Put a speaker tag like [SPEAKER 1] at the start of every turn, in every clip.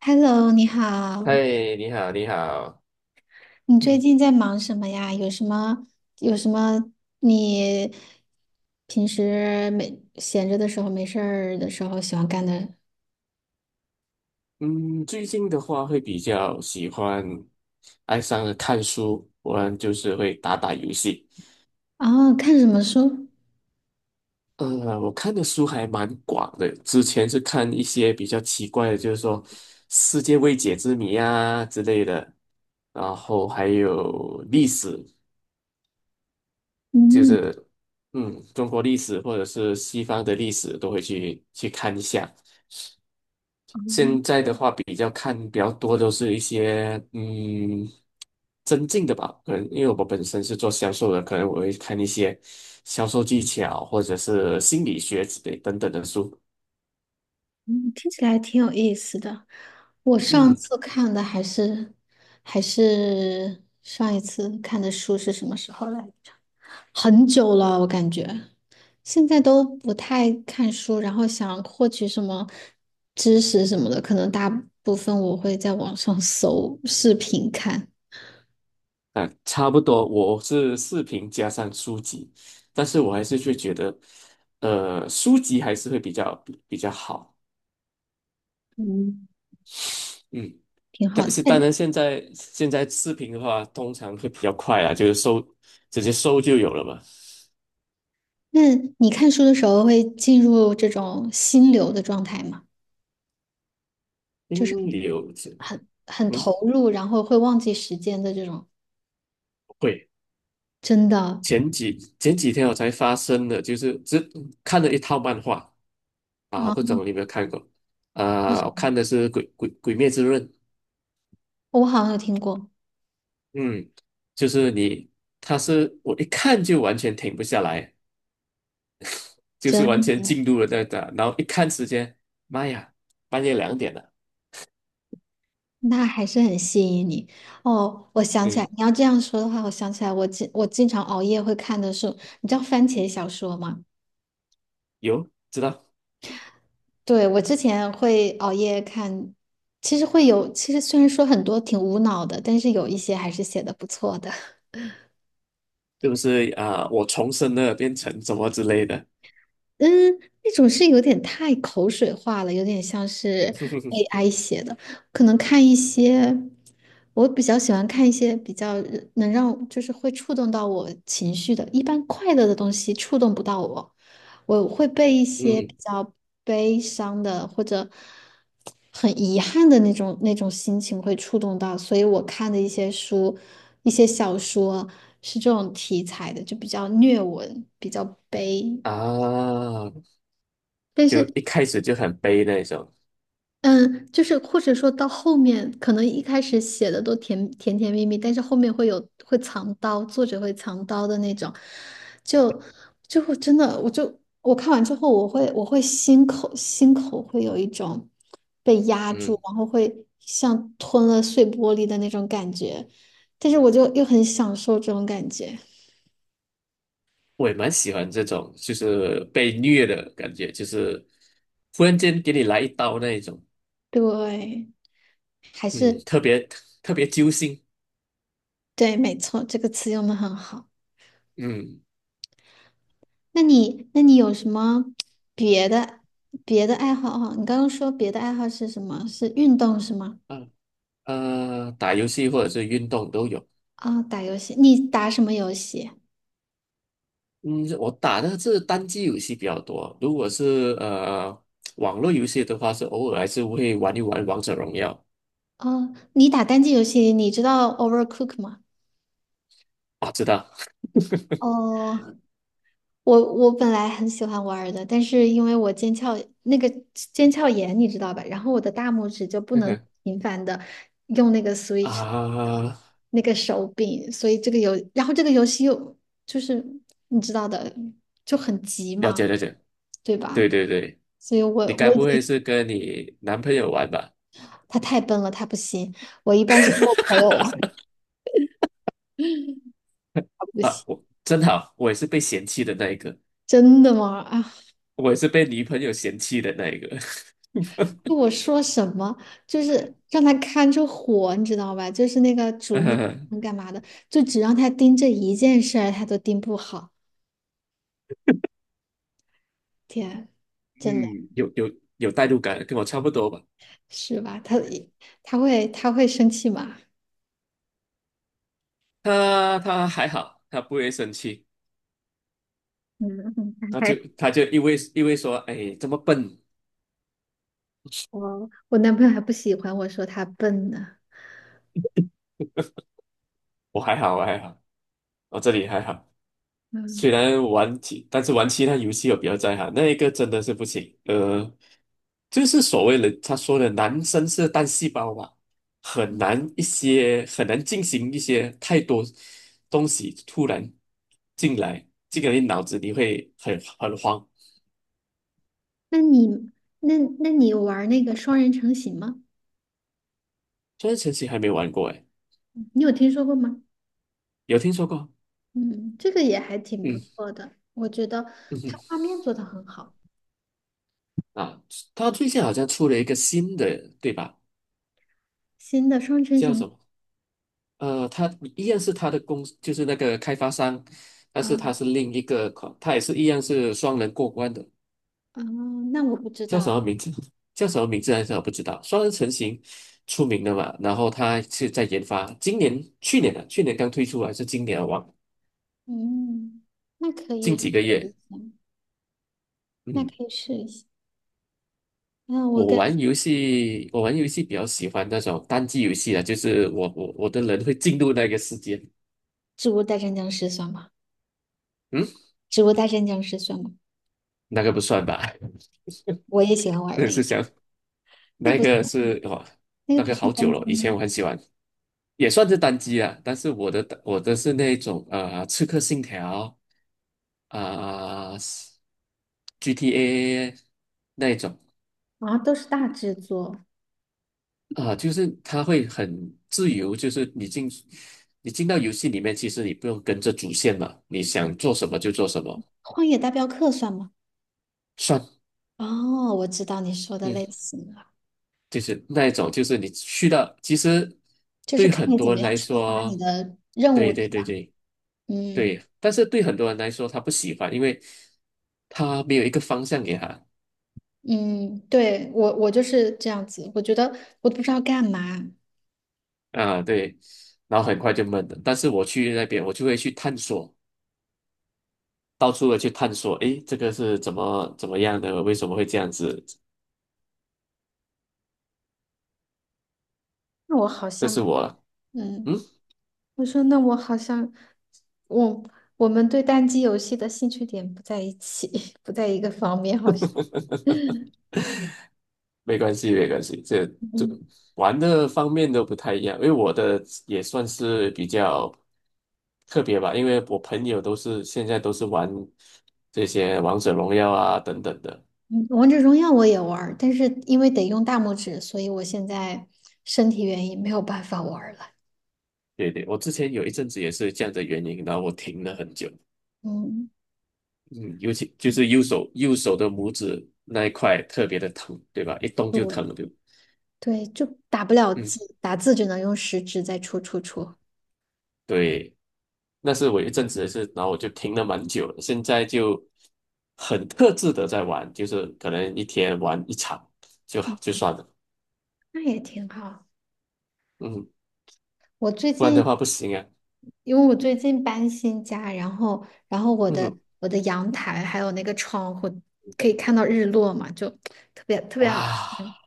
[SPEAKER 1] Hello，你好，
[SPEAKER 2] 嗨，你好，你好。
[SPEAKER 1] 你最
[SPEAKER 2] 嗯
[SPEAKER 1] 近在忙什么呀？有什么你平时没闲着的时候、没事儿的时候喜欢干的？
[SPEAKER 2] 嗯，最近的话会比较喜欢爱上了看书，不然就是会打打游戏。
[SPEAKER 1] 哦，看什么书？
[SPEAKER 2] 我看的书还蛮广的，之前是看一些比较奇怪的，就是说世界未解之谜啊之类的，然后还有历史，就
[SPEAKER 1] 嗯，
[SPEAKER 2] 是中国历史或者是西方的历史都会去看一下。
[SPEAKER 1] 哦
[SPEAKER 2] 现在的话，比较看比较多都是一些增进的吧，可能因为我本身是做销售的，可能我会看一些销售技巧或者是心理学之类等等的书。
[SPEAKER 1] 嗯，听起来挺有意思的。我上
[SPEAKER 2] 嗯，
[SPEAKER 1] 次看的还是还是上一次看的书是什么时候来着？很久了，我感觉。现在都不太看书，然后想获取什么知识什么的，可能大部分我会在网上 搜视频看，
[SPEAKER 2] 啊，差不多，我是视频加上书籍，但是我还是会觉得，书籍还是会比较好。
[SPEAKER 1] 嗯，
[SPEAKER 2] 嗯。
[SPEAKER 1] 挺好
[SPEAKER 2] 但
[SPEAKER 1] 的。
[SPEAKER 2] 是当
[SPEAKER 1] 那
[SPEAKER 2] 然，现在视频的话，通常会比较快啊，就是直接搜就有了嘛。
[SPEAKER 1] 那你看书的时候会进入这种心流的状态吗？就是
[SPEAKER 2] 嗯，有
[SPEAKER 1] 很
[SPEAKER 2] 嗯，
[SPEAKER 1] 投入，然后会忘记时间的这种，
[SPEAKER 2] 会。
[SPEAKER 1] 真的
[SPEAKER 2] 前几天我才发生的，就是只看了一套漫画啊，
[SPEAKER 1] 啊，
[SPEAKER 2] 不懂你有没有看过？
[SPEAKER 1] 为什
[SPEAKER 2] 啊、我看
[SPEAKER 1] 么
[SPEAKER 2] 的是鬼灭之刃》，
[SPEAKER 1] 我好像有听过，
[SPEAKER 2] 嗯，就是你，他是我一看就完全停不下来，就是完全
[SPEAKER 1] 真。
[SPEAKER 2] 进入了那个，然后一看时间，妈呀，半夜2点了，
[SPEAKER 1] 那还是很吸引你哦。我想起来，
[SPEAKER 2] 对，
[SPEAKER 1] 你要这样说的话，我想起来我经常熬夜会看的是，你知道番茄小说吗？
[SPEAKER 2] 有知道，
[SPEAKER 1] 对，我之前会熬夜看，其实虽然说很多挺无脑的，但是有一些还是写的不错的。
[SPEAKER 2] 是不是啊、我重生了，变成什么之类的，
[SPEAKER 1] 嗯，那种是有点太口水化了，有点像是 AI 写的。可能看一些，我比较喜欢看一些比较能让，就是会触动到我情绪的。一般快乐的东西触动不到我，我会被一些比
[SPEAKER 2] 嗯
[SPEAKER 1] 较悲伤的或者很遗憾的那种心情会触动到。所以我看的一些书，一些小说是这种题材的，就比较虐文，比较悲。
[SPEAKER 2] 啊，
[SPEAKER 1] 但
[SPEAKER 2] 就
[SPEAKER 1] 是
[SPEAKER 2] 一开始就很悲那种，
[SPEAKER 1] 嗯，就是或者说到后面，可能一开始写的都甜甜蜜蜜，但是后面会有会藏刀，作者会藏刀的那种，就就会真的，我看完之后，我会心口会有一种被压住，
[SPEAKER 2] 嗯。
[SPEAKER 1] 然后会像吞了碎玻璃的那种感觉，但是我就又很享受这种感觉，
[SPEAKER 2] 我也蛮喜欢这种，就是被虐的感觉，就是忽然间给你来一刀那一种，
[SPEAKER 1] 对，还
[SPEAKER 2] 嗯，
[SPEAKER 1] 是
[SPEAKER 2] 特别特别揪心，
[SPEAKER 1] 对，没错，这个词用的很好。
[SPEAKER 2] 嗯
[SPEAKER 1] 那你有什么别的别的爱好哈？你刚刚说别的爱好是什么？是运动是吗？
[SPEAKER 2] 啊打游戏或者是运动都有，
[SPEAKER 1] 啊、打游戏，你打什么游戏？
[SPEAKER 2] 嗯，我打的是单机游戏比较多，如果是网络游戏的话，是偶尔还是会玩一玩王者荣耀
[SPEAKER 1] 哦，你打单机游戏，你知道 Overcook 吗？
[SPEAKER 2] 啊，知道
[SPEAKER 1] 哦，我我本来很喜欢玩儿的，但是因为我那个腱鞘炎，你知道吧？然后我的大拇指就不
[SPEAKER 2] 那
[SPEAKER 1] 能
[SPEAKER 2] 个
[SPEAKER 1] 频繁的用那个 Switch 的
[SPEAKER 2] 啊，
[SPEAKER 1] 那个手柄，所以这个游，然后这个游戏又就是你知道的，就很急
[SPEAKER 2] 了
[SPEAKER 1] 嘛，
[SPEAKER 2] 解了解，
[SPEAKER 1] 对吧？
[SPEAKER 2] 对对对，
[SPEAKER 1] 所以我
[SPEAKER 2] 你该
[SPEAKER 1] 我已
[SPEAKER 2] 不
[SPEAKER 1] 经
[SPEAKER 2] 会是跟你男朋友玩吧？
[SPEAKER 1] 他太笨了，他不行。我一般是跟我朋友玩，他不
[SPEAKER 2] 啊，
[SPEAKER 1] 行。
[SPEAKER 2] 我真好，我也是被嫌弃的那一个，
[SPEAKER 1] 真的吗？啊，
[SPEAKER 2] 我也是被女朋友嫌弃的那一个。
[SPEAKER 1] 就我说什么，就是让他看着火，你知道吧？就是那个煮米
[SPEAKER 2] 呃，
[SPEAKER 1] 饭干嘛的，就只让他盯这一件事儿，他都盯不好。天，真的
[SPEAKER 2] 嗯，有有有代入感，跟我差不多吧。
[SPEAKER 1] 是吧？他会生气吗？
[SPEAKER 2] 他还好，他不会生气，
[SPEAKER 1] 嗯，
[SPEAKER 2] 他
[SPEAKER 1] 哎，
[SPEAKER 2] 就他就因为说，哎，这么笨，
[SPEAKER 1] 我我男朋友还不喜欢我说他笨呢。
[SPEAKER 2] 我还好，我还好，我这里还好。
[SPEAKER 1] 嗯，
[SPEAKER 2] 虽然玩其，但是玩其他游戏我比较在行，那一个真的是不行。就是所谓的他说的男生是单细胞吧，很难进行一些太多东西突然进来，这个你脑子里会很慌。
[SPEAKER 1] 那你那你有玩那个双人成行吗？
[SPEAKER 2] 这神奇还没玩过哎，
[SPEAKER 1] 你有听说过吗？
[SPEAKER 2] 有听说过？
[SPEAKER 1] 嗯，这个也还挺不
[SPEAKER 2] 嗯
[SPEAKER 1] 错的，我觉得
[SPEAKER 2] 嗯哼
[SPEAKER 1] 它画面做得很好。
[SPEAKER 2] 啊，他最近好像出了一个新的，对吧？
[SPEAKER 1] 新的双人成
[SPEAKER 2] 叫
[SPEAKER 1] 行，
[SPEAKER 2] 什么？他一样是他的就是那个开发商，但是他
[SPEAKER 1] 啊
[SPEAKER 2] 是另一个款，它也是一样是双人过关的，
[SPEAKER 1] 嗯，那我不知
[SPEAKER 2] 叫什
[SPEAKER 1] 道。
[SPEAKER 2] 么名字？叫什么名字来着？我不知道。双人成型出名的嘛，然后他是在研发，今年、去年的、去年刚推出还是今年啊？忘，
[SPEAKER 1] 嗯，那可
[SPEAKER 2] 近
[SPEAKER 1] 以
[SPEAKER 2] 几
[SPEAKER 1] 试
[SPEAKER 2] 个
[SPEAKER 1] 一
[SPEAKER 2] 月。
[SPEAKER 1] 下，那
[SPEAKER 2] 嗯，
[SPEAKER 1] 可以试一下。那我
[SPEAKER 2] 我
[SPEAKER 1] 跟
[SPEAKER 2] 玩游戏，我玩游戏比较喜欢那种单机游戏啊，就是我的人会进入那个世界。
[SPEAKER 1] 植物大战僵尸算吗？
[SPEAKER 2] 嗯，
[SPEAKER 1] 植物大战僵尸算吗？
[SPEAKER 2] 那个不算吧？
[SPEAKER 1] 我也喜欢 玩
[SPEAKER 2] 那
[SPEAKER 1] 那
[SPEAKER 2] 是
[SPEAKER 1] 个，
[SPEAKER 2] 想
[SPEAKER 1] 那
[SPEAKER 2] 那
[SPEAKER 1] 个不
[SPEAKER 2] 个
[SPEAKER 1] 算，
[SPEAKER 2] 是哇，
[SPEAKER 1] 那个
[SPEAKER 2] 那
[SPEAKER 1] 不
[SPEAKER 2] 个
[SPEAKER 1] 算
[SPEAKER 2] 好久
[SPEAKER 1] 单机
[SPEAKER 2] 了，以前
[SPEAKER 1] 吗？
[SPEAKER 2] 我很喜欢。也算是单机啊，但是我的是那种《刺客信条》啊、GTA 那一种
[SPEAKER 1] 啊，都是大制作。
[SPEAKER 2] 啊、就是它会很自由，就是你进到游戏里面，其实你不用跟着主线嘛，你想做什么就做什么，
[SPEAKER 1] 荒野大镖客算吗？
[SPEAKER 2] 算
[SPEAKER 1] 哦，我知道你说的
[SPEAKER 2] 嗯，
[SPEAKER 1] 类型了，
[SPEAKER 2] 就是那一种，就是你去到其实
[SPEAKER 1] 就是
[SPEAKER 2] 对
[SPEAKER 1] 看
[SPEAKER 2] 很
[SPEAKER 1] 你怎
[SPEAKER 2] 多
[SPEAKER 1] 么
[SPEAKER 2] 人
[SPEAKER 1] 样
[SPEAKER 2] 来
[SPEAKER 1] 触发你
[SPEAKER 2] 说，
[SPEAKER 1] 的任务，
[SPEAKER 2] 对
[SPEAKER 1] 对
[SPEAKER 2] 对对
[SPEAKER 1] 吧？
[SPEAKER 2] 对
[SPEAKER 1] 嗯
[SPEAKER 2] 对，但是对很多人来说他不喜欢，因为他没有一个方向给他。
[SPEAKER 1] 嗯，对，我就是这样子，我觉得我都不知道干嘛，
[SPEAKER 2] 啊，对，然后很快就闷了。但是我去那边，我就会去探索，到处的去探索，诶，这个是怎么样的？为什么会这样子？
[SPEAKER 1] 那我好
[SPEAKER 2] 这是
[SPEAKER 1] 像
[SPEAKER 2] 我了，
[SPEAKER 1] 嗯。
[SPEAKER 2] 嗯，
[SPEAKER 1] 我说那我好像，我我们对单机游戏的兴趣点不在一起，不在一个方面，好像。
[SPEAKER 2] 没关系，没关系，这 这
[SPEAKER 1] 嗯
[SPEAKER 2] 玩的方面都不太一样，因为我的也算是比较特别吧，因为我朋友都是现在都是玩这些王者荣耀啊等等的。
[SPEAKER 1] 嗯，王者荣耀我也玩儿但是因为得用大拇指，所以我现在身体原因没有办法玩儿了。
[SPEAKER 2] 对对，我之前有一阵子也是这样的原因，然后我停了很久。
[SPEAKER 1] 嗯，
[SPEAKER 2] 嗯，尤其就
[SPEAKER 1] 嗯
[SPEAKER 2] 是右手的拇指那一块特别的疼，对吧？一动就
[SPEAKER 1] 对
[SPEAKER 2] 疼，对。
[SPEAKER 1] 对，就打不了
[SPEAKER 2] 嗯，
[SPEAKER 1] 字，打字只能用食指在戳戳戳，
[SPEAKER 2] 对，那是我一阵子的事，然后我就停了蛮久了，现在就很克制的在玩，就是可能一天玩一场就好就算了，
[SPEAKER 1] 那也挺好。
[SPEAKER 2] 嗯，
[SPEAKER 1] 我最
[SPEAKER 2] 不然
[SPEAKER 1] 近
[SPEAKER 2] 的话不行啊，
[SPEAKER 1] 因为我最近搬新家，然后我的
[SPEAKER 2] 嗯，
[SPEAKER 1] 我的阳台还有那个窗户可以看到日落嘛，就特别特别好看。
[SPEAKER 2] 哇，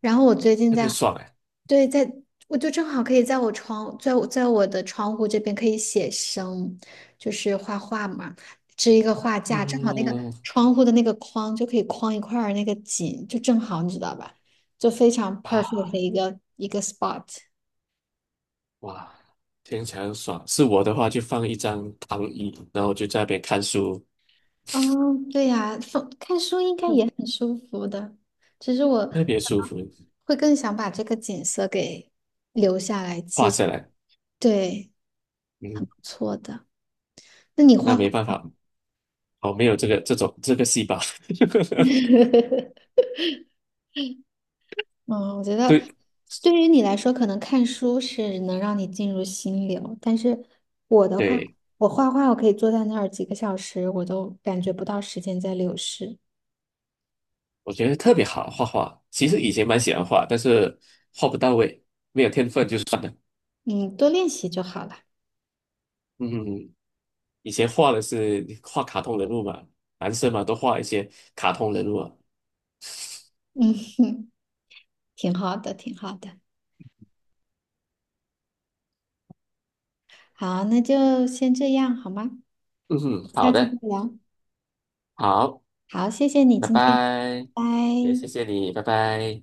[SPEAKER 1] 然后我最近
[SPEAKER 2] 特别
[SPEAKER 1] 在，
[SPEAKER 2] 爽哎、
[SPEAKER 1] 对，在我就正好可以在我窗在在我的窗户这边可以写生，就是画画嘛，支一个画架，正好那个
[SPEAKER 2] 嗯，
[SPEAKER 1] 窗户的那个框就可以框一块儿那个景，就正好你知道吧，就非常 perfect 的
[SPEAKER 2] 哇
[SPEAKER 1] 一个 spot。
[SPEAKER 2] 哇，听起来很爽。是我的话就放一张躺椅，然后就在那边看书，
[SPEAKER 1] 哦，对呀，放看书应该也
[SPEAKER 2] 嗯，
[SPEAKER 1] 很舒服的，只是我
[SPEAKER 2] 特别舒服，
[SPEAKER 1] 会更想把这个景色给留下来
[SPEAKER 2] 画
[SPEAKER 1] 记下
[SPEAKER 2] 下来。
[SPEAKER 1] 对，很
[SPEAKER 2] 嗯。
[SPEAKER 1] 不错的。那你
[SPEAKER 2] 那
[SPEAKER 1] 画画，
[SPEAKER 2] 没办法，我没有这个这种这个细胞。
[SPEAKER 1] 嗯，我觉得
[SPEAKER 2] 对
[SPEAKER 1] 对于你来说，可能看书是能让你进入心流，但是我的话，
[SPEAKER 2] 对，
[SPEAKER 1] 我画画，我可以坐在那儿几个小时，我都感觉不到时间在流逝。
[SPEAKER 2] 我觉得特别好画画。其实以前蛮喜欢画，但是画不到位，没有天分就算了。
[SPEAKER 1] 嗯，多练习就好了，
[SPEAKER 2] 嗯，嗯以前画的是画卡通人物嘛，男生嘛都画一些卡通人物啊。
[SPEAKER 1] 挺好的，挺好的。好，那就先这样，好吗？
[SPEAKER 2] 嗯哼，
[SPEAKER 1] 下
[SPEAKER 2] 好
[SPEAKER 1] 次
[SPEAKER 2] 的，
[SPEAKER 1] 再聊。
[SPEAKER 2] 好，
[SPEAKER 1] 好，谢谢你
[SPEAKER 2] 拜
[SPEAKER 1] 今天，拜
[SPEAKER 2] 拜，也谢
[SPEAKER 1] 拜。
[SPEAKER 2] 谢你，拜拜。